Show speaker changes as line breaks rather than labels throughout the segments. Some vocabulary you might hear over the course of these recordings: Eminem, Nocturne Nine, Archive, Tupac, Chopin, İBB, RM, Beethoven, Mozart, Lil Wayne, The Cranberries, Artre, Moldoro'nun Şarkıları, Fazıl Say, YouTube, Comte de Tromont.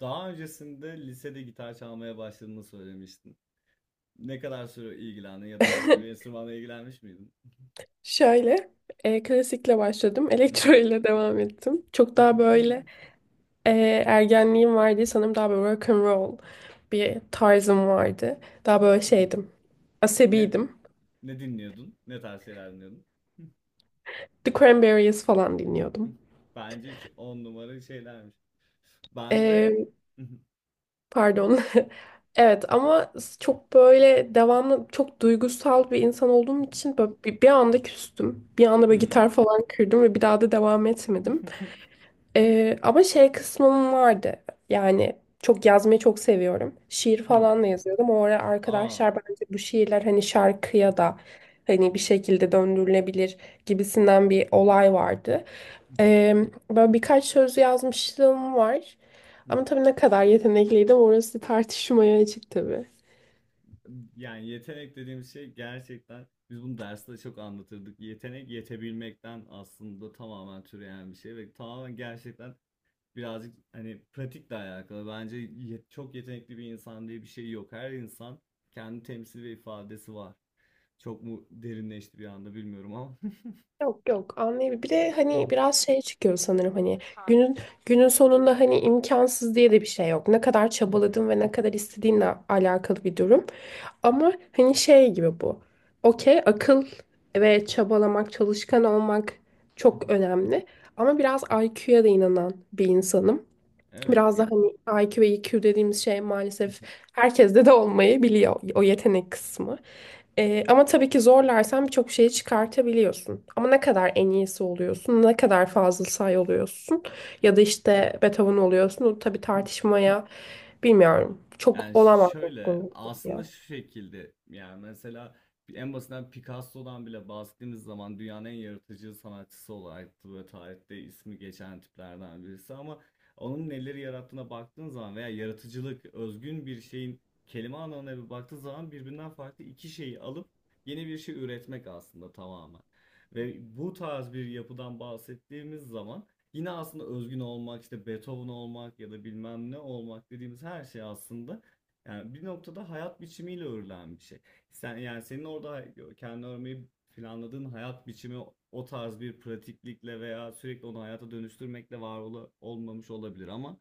Daha öncesinde lisede gitar çalmaya başladığını söylemiştin. Ne kadar süre ilgilendin ya da başka bir enstrümanla ilgilenmiş miydin?
Şöyle, klasikle başladım. Elektro ile devam ettim. Çok daha böyle e, ergenliğim vardı. Sanırım daha böyle rock and roll bir tarzım vardı. Daha böyle şeydim.
Ne
Asabiydim.
ne dinliyordun? Ne tarz şeyler dinliyordun?
The Cranberries falan dinliyordum.
Bence hiç on numara şeylermiş. Ben de
E, pardon. Evet ama çok böyle devamlı çok duygusal bir insan olduğum için böyle bir anda küstüm. Bir anda böyle gitar
hmm.
falan kırdım ve bir daha da devam etmedim. Ama şey kısmım vardı. Yani çok yazmayı çok seviyorum. Şiir
Hmm.
falan da yazıyordum. O ara
Aa.
arkadaşlar bence bu şiirler hani şarkıya da hani bir şekilde döndürülebilir gibisinden bir olay vardı. Ee, böyle birkaç söz yazmışlığım var. Ama tabii ne kadar yetenekliydim orası tartışmaya açık tabii.
Yani yetenek dediğimiz şey gerçekten biz bunu derste çok anlatırdık. Yetenek yetebilmekten aslında tamamen türeyen bir şey ve tamamen gerçekten birazcık hani pratikle alakalı. Bence çok yetenekli bir insan diye bir şey yok. Her insan kendi temsil ve ifadesi var. Çok mu derinleşti bir anda bilmiyorum ama.
Yok, yok, anlayabilirim. Bir de hani biraz şey çıkıyor sanırım hani günün günün sonunda hani imkansız diye de bir şey yok. Ne kadar çabaladın ve ne kadar istediğinle alakalı bir durum. Ama hani şey gibi bu. Okey, akıl ve çabalamak, çalışkan olmak çok önemli. Ama biraz IQ'ya da inanan bir insanım.
Evet.
Biraz da hani IQ ve EQ dediğimiz şey maalesef herkeste de olmayabiliyor o yetenek kısmı. Ama tabii ki zorlarsan birçok şeyi çıkartabiliyorsun. Ama ne kadar en iyisi oluyorsun, ne kadar Fazıl Say oluyorsun
Ya-
ya da işte Beethoven oluyorsun. O tabii tartışmaya bilmiyorum. Çok
Yani
olamaz.
şöyle aslında şu şekilde yani mesela en basitinden Picasso'dan bile bahsettiğimiz zaman dünyanın en yaratıcı sanatçısı olarak böyle tarihte ismi geçen tiplerden birisi ama onun neleri yarattığına baktığın zaman veya yaratıcılık özgün bir şeyin kelime anlamına bir baktığın zaman birbirinden farklı iki şeyi alıp yeni bir şey üretmek aslında tamamen. Ve bu tarz bir yapıdan bahsettiğimiz zaman yine aslında özgün olmak, işte Beethoven olmak ya da bilmem ne olmak dediğimiz her şey aslında yani bir noktada hayat biçimiyle örülen bir şey. Sen yani senin orada kendi örmeyi planladığın hayat biçimi o tarz bir pratiklikle veya sürekli onu hayata dönüştürmekle olmamış olabilir ama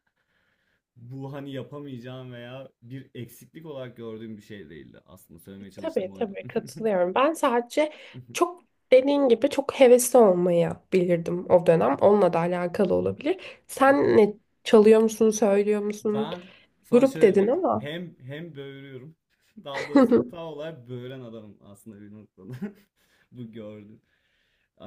bu hani yapamayacağım veya bir eksiklik olarak gördüğüm bir şey değildi. Aslında söylemeye çalıştığım
Tabii,
oydu.
tabii, katılıyorum. Ben sadece çok dediğin gibi çok hevesli olmayabilirdim o dönem. Onunla da alakalı olabilir. Sen ne çalıyor musun, söylüyor musun?
Ben sana
Grup
şöyle
dedin
diyeyim.
ama.
Hem böğürüyorum. Daha doğrusu
Hı
tam olarak böğüren adamım aslında bir noktada. Bu gördüm.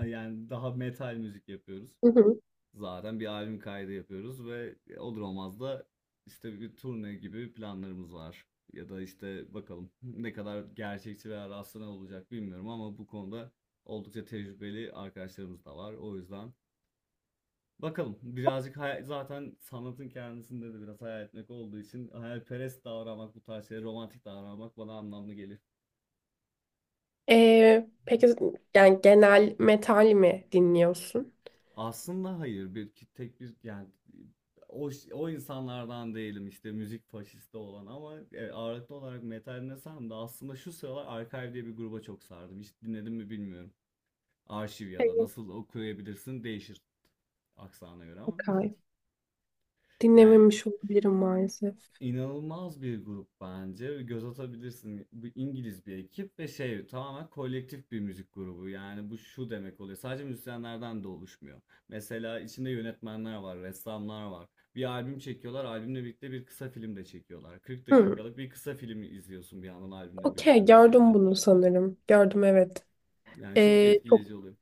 Yani daha metal müzik yapıyoruz.
hı.
Zaten bir albüm kaydı yapıyoruz ve olur olmaz da işte bir turne gibi planlarımız var. Ya da işte bakalım ne kadar gerçekçi veya rastlanan olacak bilmiyorum ama bu konuda oldukça tecrübeli arkadaşlarımız da var. O yüzden bakalım birazcık zaten sanatın kendisinde de biraz hayal etmek olduğu için hayalperest davranmak bu tarz şeylere romantik davranmak bana anlamlı geliyor.
Peki yani genel metal mi dinliyorsun?
Aslında hayır tek bir yani o insanlardan değilim işte müzik faşisti olan ama ağırlıklı olarak metal desem de aslında şu sıralar Archive diye bir gruba çok sardım. Hiç dinledim mi bilmiyorum. Arşiv ya da
Hayır.
nasıl okuyabilirsin değişir aksana göre ama
Okay.
yani
Dinlememiş olabilirim maalesef.
İnanılmaz bir grup bence. Göz atabilirsin. Bu İngiliz bir ekip ve şey tamamen kolektif bir müzik grubu. Yani bu şu demek oluyor. Sadece müzisyenlerden de oluşmuyor. Mesela içinde yönetmenler var, ressamlar var. Bir albüm çekiyorlar. Albümle birlikte bir kısa film de çekiyorlar. 40
Hı.
dakikalık bir kısa film izliyorsun bir yandan albümle birlikte
Okey, gördüm
mesela.
bunu sanırım. Gördüm, evet.
Yani çok
Ee,
etkileyici oluyor.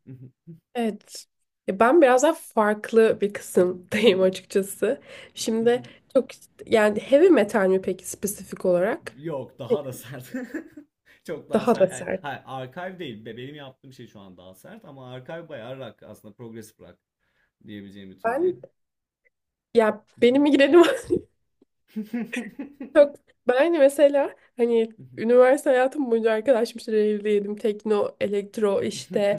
Evet. Ya ben biraz daha farklı bir kısımdayım açıkçası. Şimdi çok işte, yani heavy metal mi peki spesifik olarak?
Yok daha da sert. Çok daha
Daha da
sert. Yani,
sert.
hayır, archive değil. Benim yaptığım şey şu an daha sert ama archive bayağı rock aslında progressive rock diyebileceğim bir türde.
Ben Ya benim migrenim çok. Ben hani, mesela hani üniversite hayatım boyunca arkadaşım işte evliydim. Tekno, elektro işte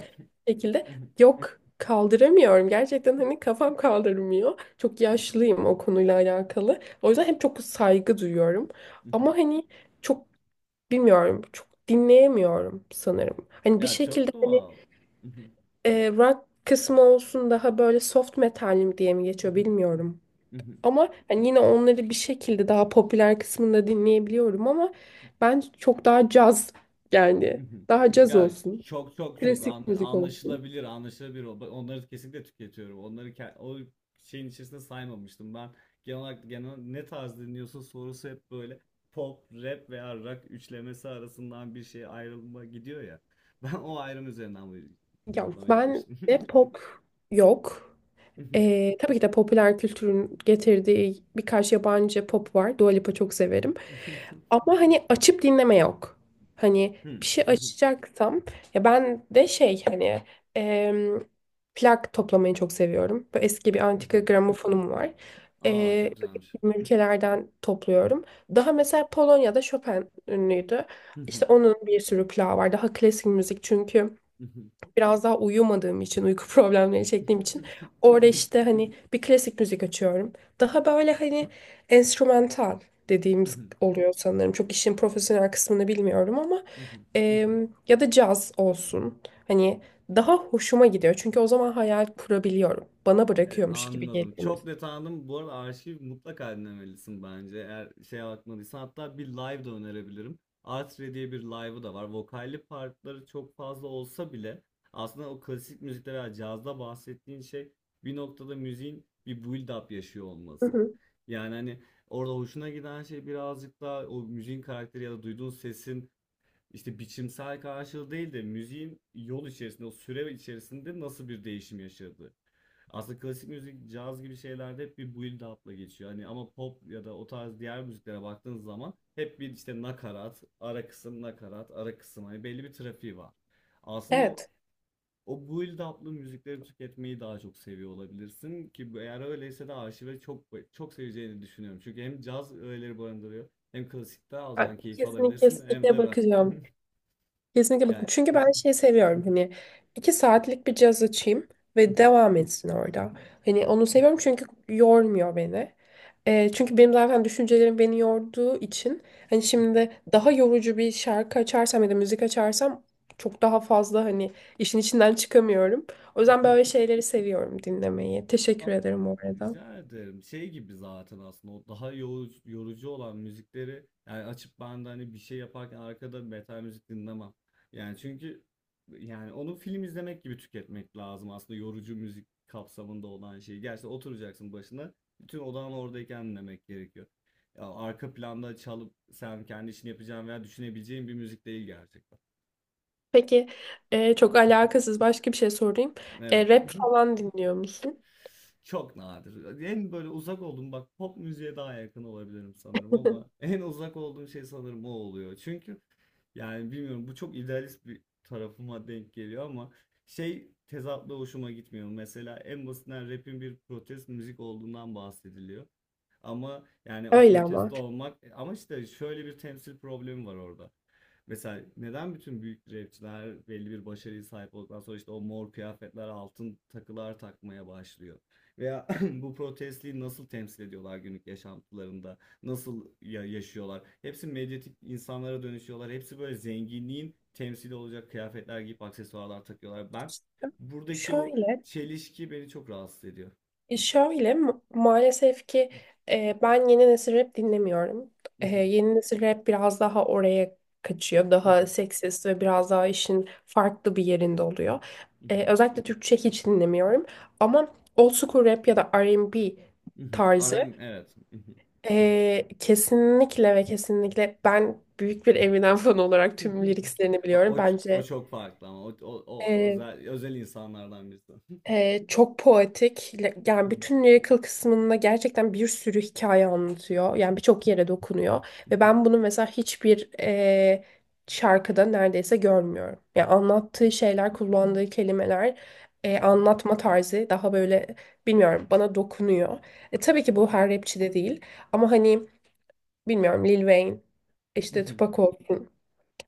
şekilde yok kaldıramıyorum. Gerçekten hani kafam kaldırmıyor. Çok yaşlıyım o konuyla alakalı. O yüzden hep çok saygı duyuyorum. Ama hani çok bilmiyorum çok dinleyemiyorum sanırım. Hani bir
Ya
şekilde
çok
hani
doğal.
rock kısmı olsun daha böyle soft metal mi diye mi geçiyor bilmiyorum. Ama hani yine onları bir şekilde daha popüler kısmında dinleyebiliyorum ama ben çok daha caz
Hı
yani
hı.
daha caz
Ya
olsun.
çok çok çok
Klasik müzik olsun.
anlaşılabilir, anlaşılabilir. Onları kesinlikle tüketiyorum. Onları o şeyin içerisinde saymamıştım. Ben genel olarak genel ne tarz dinliyorsun sorusu hep böyle pop, rap veya rock üçlemesi arasından bir şey ayrılma gidiyor ya. Ben o ayrım üzerinden bu
Ya
yanıtlama
ben
yapmıştım.
de pop yok. Tabii ki de popüler kültürün getirdiği birkaç yabancı pop var. Dua Lipa çok severim. Ama hani açıp dinleme yok. Hani bir şey açacaksam ya ben de şey hani em, plak toplamayı çok seviyorum. Böyle eski bir antika gramofonum var.
Aa
E,
çok güzelmiş.
ülkelerden topluyorum. Daha mesela Polonya'da Chopin ünlüydü. İşte onun bir sürü plağı var. Daha klasik müzik çünkü biraz daha uyumadığım için, uyku problemleri çektiğim için orada işte hani bir klasik müzik açıyorum. Daha böyle hani enstrümantal dediğimiz oluyor sanırım. Çok işin profesyonel kısmını bilmiyorum ama ya da caz olsun. Hani daha hoşuma gidiyor. Çünkü o zaman hayal kurabiliyorum. Bana
Evet,
bırakıyormuş gibi
anladım.
geliyor
Çok net
müzik.
anladım. Bu arada arşiv mutlaka dinlemelisin bence. Eğer şeye bakmadıysan hatta bir live de önerebilirim. Artre diye bir live'ı da var. Vokalli partları çok fazla olsa bile aslında o klasik müzikte veya cazda bahsettiğin şey bir noktada müziğin bir build up yaşıyor
Hı
olması.
hı.
Yani hani orada hoşuna giden şey birazcık daha o müziğin karakteri ya da duyduğun sesin işte biçimsel karşılığı değil de müziğin yol içerisinde, o süre içerisinde nasıl bir değişim yaşadığı. Aslında klasik müzik, caz gibi şeylerde hep bir build up'la geçiyor. Hani ama pop ya da o tarz diğer müziklere baktığınız zaman hep bir işte nakarat, ara kısım, nakarat, ara kısım. Hani belli bir trafiği var. Aslında
Evet.
o build up'lı müzikleri tüketmeyi daha çok seviyor olabilirsin ki eğer öyleyse de arşive çok çok seveceğini düşünüyorum. Çünkü hem caz öğeleri barındırıyor hem klasikte
Ben
alacağın keyif
kesinlikle,
alabilirsin hem
kesinlikle
de rock.
bakacağım. Kesinlikle bakın.
Yani.
Çünkü ben şey seviyorum hani iki saatlik bir caz açayım ve devam etsin orada. Hani onu seviyorum çünkü yormuyor beni. Çünkü benim zaten düşüncelerim beni yorduğu için hani şimdi daha yorucu bir şarkı açarsam ya da müzik açarsam çok daha fazla hani işin içinden çıkamıyorum. O yüzden böyle şeyleri seviyorum dinlemeyi. Teşekkür
Ama
ederim bu arada.
rica ederim. Şey gibi zaten aslında o daha yorucu, yorucu olan müzikleri yani açıp ben de hani bir şey yaparken arkada metal müzik dinlemem. Yani çünkü yani onu film izlemek gibi tüketmek lazım aslında yorucu müzik kapsamında olan şeyi. Gerçi oturacaksın başına bütün odan oradayken dinlemek gerekiyor. Ya arka planda çalıp sen kendi işini yapacağın veya düşünebileceğin bir müzik değil gerçekten.
Peki, çok alakasız başka bir şey sorayım. E,
Evet.
rap falan dinliyor musun?
Çok nadir. En böyle uzak olduğum bak pop müziğe daha yakın olabilirim sanırım ama en uzak olduğum şey sanırım o oluyor. Çünkü yani bilmiyorum bu çok idealist bir tarafıma denk geliyor ama şey tezatla hoşuma gitmiyor. Mesela en basitinden rap'in bir protest müzik olduğundan bahsediliyor. Ama yani o
Öyle ama.
protesto olmak ama işte şöyle bir temsil problemi var orada. Mesela neden bütün büyük rapçiler belli bir başarıya sahip olduktan sonra işte o mor kıyafetler, altın takılar takmaya başlıyor? Veya bu protestliği nasıl temsil ediyorlar günlük yaşantılarında? Nasıl yaşıyorlar? Hepsi medyatik insanlara dönüşüyorlar. Hepsi böyle zenginliğin temsili olacak kıyafetler giyip aksesuarlar takıyorlar. Ben buradaki o
Şöyle
çelişki beni çok rahatsız ediyor.
E, Şöyle ma- maalesef ki ben yeni nesil rap dinlemiyorum. E, yeni nesil rap biraz daha oraya kaçıyor. Daha seksist ve biraz daha işin farklı bir yerinde oluyor. Özellikle Türkçe hiç dinlemiyorum. Ama old school rap ya da R&B tarzı
RM evet.
kesinlikle ve kesinlikle ben büyük bir Eminem fanı olarak tüm liriklerini biliyorum.
O, o
Bence
çok farklı ama o
e,
özel insanlardan birisi.
Çok poetik. Yani bütün lyrical kısmında gerçekten bir sürü hikaye anlatıyor. Yani birçok yere dokunuyor. Ve ben bunu mesela hiçbir şarkıda neredeyse görmüyorum. Yani anlattığı şeyler, kullandığı kelimeler, anlatma tarzı daha böyle bilmiyorum bana dokunuyor. Tabii ki bu her rapçi de değil. Ama hani bilmiyorum Lil Wayne, işte Tupac olsun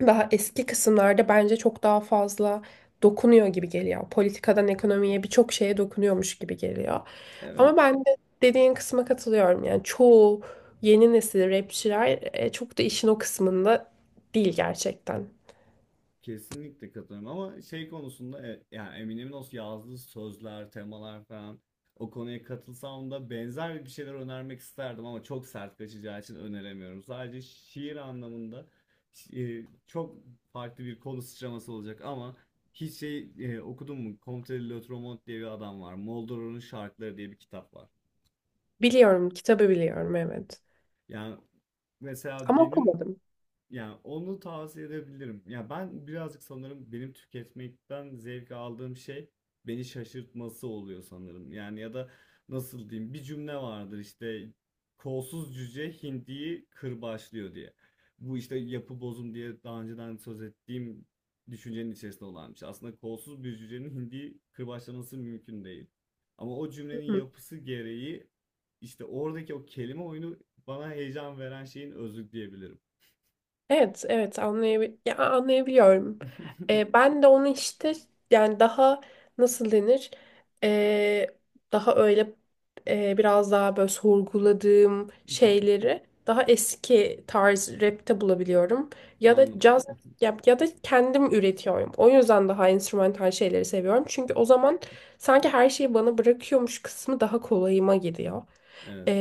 daha eski kısımlarda bence çok daha fazla dokunuyor gibi geliyor. Politikadan ekonomiye birçok şeye dokunuyormuş gibi geliyor.
Evet.
Ama ben de dediğin kısma katılıyorum. Yani çoğu yeni nesil rapçiler çok da işin o kısmında değil gerçekten.
Kesinlikle katılıyorum ama şey konusunda yani Eminem'in o yazdığı sözler, temalar falan o konuya katılsam da benzer bir şeyler önermek isterdim ama çok sert kaçacağı için öneremiyorum. Sadece şiir anlamında çok farklı bir konu sıçraması olacak ama hiç şey okudun mu? Comte de Tromont diye bir adam var. Moldoro'nun Şarkıları diye bir kitap var.
Biliyorum, kitabı biliyorum, evet.
Yani mesela
Ama
benim
okumadım.
yani onu tavsiye edebilirim. Ya ben birazcık sanırım benim tüketmekten zevk aldığım şey beni şaşırtması oluyor sanırım. Yani ya da nasıl diyeyim bir cümle vardır işte kolsuz cüce hindiyi kırbaçlıyor diye. Bu işte yapı bozum diye daha önceden söz ettiğim düşüncenin içerisinde olan bir şey. Aslında kolsuz bir cücenin hindiyi kırbaçlaması mümkün değil. Ama o cümlenin yapısı gereği işte oradaki o kelime oyunu bana heyecan veren şeyin özü diyebilirim.
Evet, evet, anlayabiliyorum. Ben de onu işte yani daha nasıl denir? Ee, daha öyle biraz daha böyle sorguladığım
Hı hı,
şeyleri daha eski tarz rapte bulabiliyorum. Ya da
anladım.
caz
Hı
ya da kendim üretiyorum. O yüzden daha enstrümantal şeyleri seviyorum. Çünkü o zaman sanki her şeyi bana bırakıyormuş kısmı daha kolayıma gidiyor.
evet.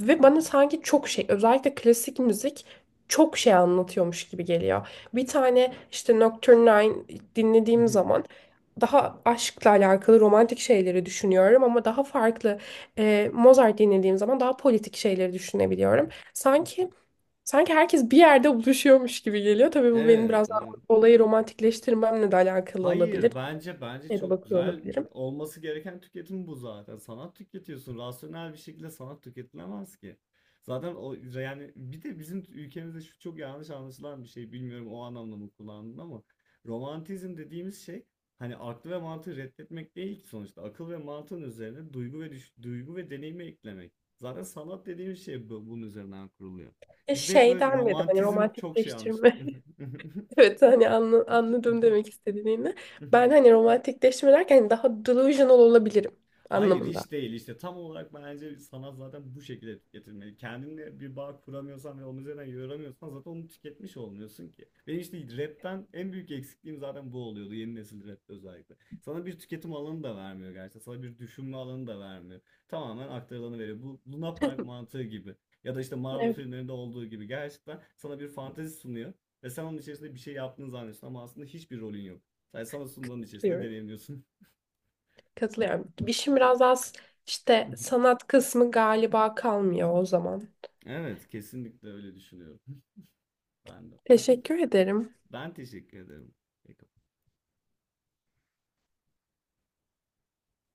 Ve bana sanki çok şey özellikle klasik müzik çok şey anlatıyormuş gibi geliyor. Bir tane işte Nocturne Nine
Hı
dinlediğim
hı,
zaman daha aşkla alakalı romantik şeyleri düşünüyorum ama daha farklı, Mozart dinlediğim zaman daha politik şeyleri düşünebiliyorum. Sanki sanki herkes bir yerde buluşuyormuş gibi geliyor. Tabii bu benim
evet,
biraz daha
evet.
olayı romantikleştirmemle de alakalı olabilir.
Hayır bence
Ya da
çok
bakıyor
güzel
olabilirim.
olması gereken tüketim bu zaten. Sanat tüketiyorsun. Rasyonel bir şekilde sanat tüketilemez ki. Zaten o yani bir de bizim ülkemizde şu çok yanlış anlaşılan bir şey. Bilmiyorum o anlamda mı kullandın ama romantizm dediğimiz şey hani aklı ve mantığı reddetmek değil ki sonuçta. Akıl ve mantığın üzerine duygu ve duygu ve deneyimi eklemek. Zaten sanat dediğimiz şey bunun üzerinden kuruluyor.
E,
Bizde hep böyle
Şeyden dedim hani
romantizm çok şey
romantikleştirme.
anlaşılıyor.
Evet, hani anladım demek istediğini. Ben hani romantikleştirme derken hani daha delusional olabilirim
Hayır
anlamında.
hiç değil işte tam olarak bence sanat zaten bu şekilde tüketilmeli. Kendinle bir bağ kuramıyorsan ve onun üzerinden yoramıyorsan zaten onu tüketmiş olmuyorsun ki. Benim işte rapten en büyük eksikliğim zaten bu oluyordu yeni nesil rapte özellikle. Sana bir tüketim alanı da vermiyor gerçekten sana bir düşünme alanı da vermiyor. Tamamen aktarılanı veriyor. Bu Luna Park mantığı gibi ya da işte Marvel
Evet,
filmlerinde olduğu gibi gerçekten sana bir fantezi sunuyor. Ve sen onun içerisinde bir şey yaptığını zannediyorsun ama aslında hiçbir rolün yok. Sadece sana sunduğun içerisinde
diyorum.
deneyimliyorsun.
Katılıyorum. İşim biraz az işte sanat kısmı galiba kalmıyor o zaman.
Evet, kesinlikle öyle düşünüyorum. Ben de.
Teşekkür ederim.
Ben teşekkür ederim.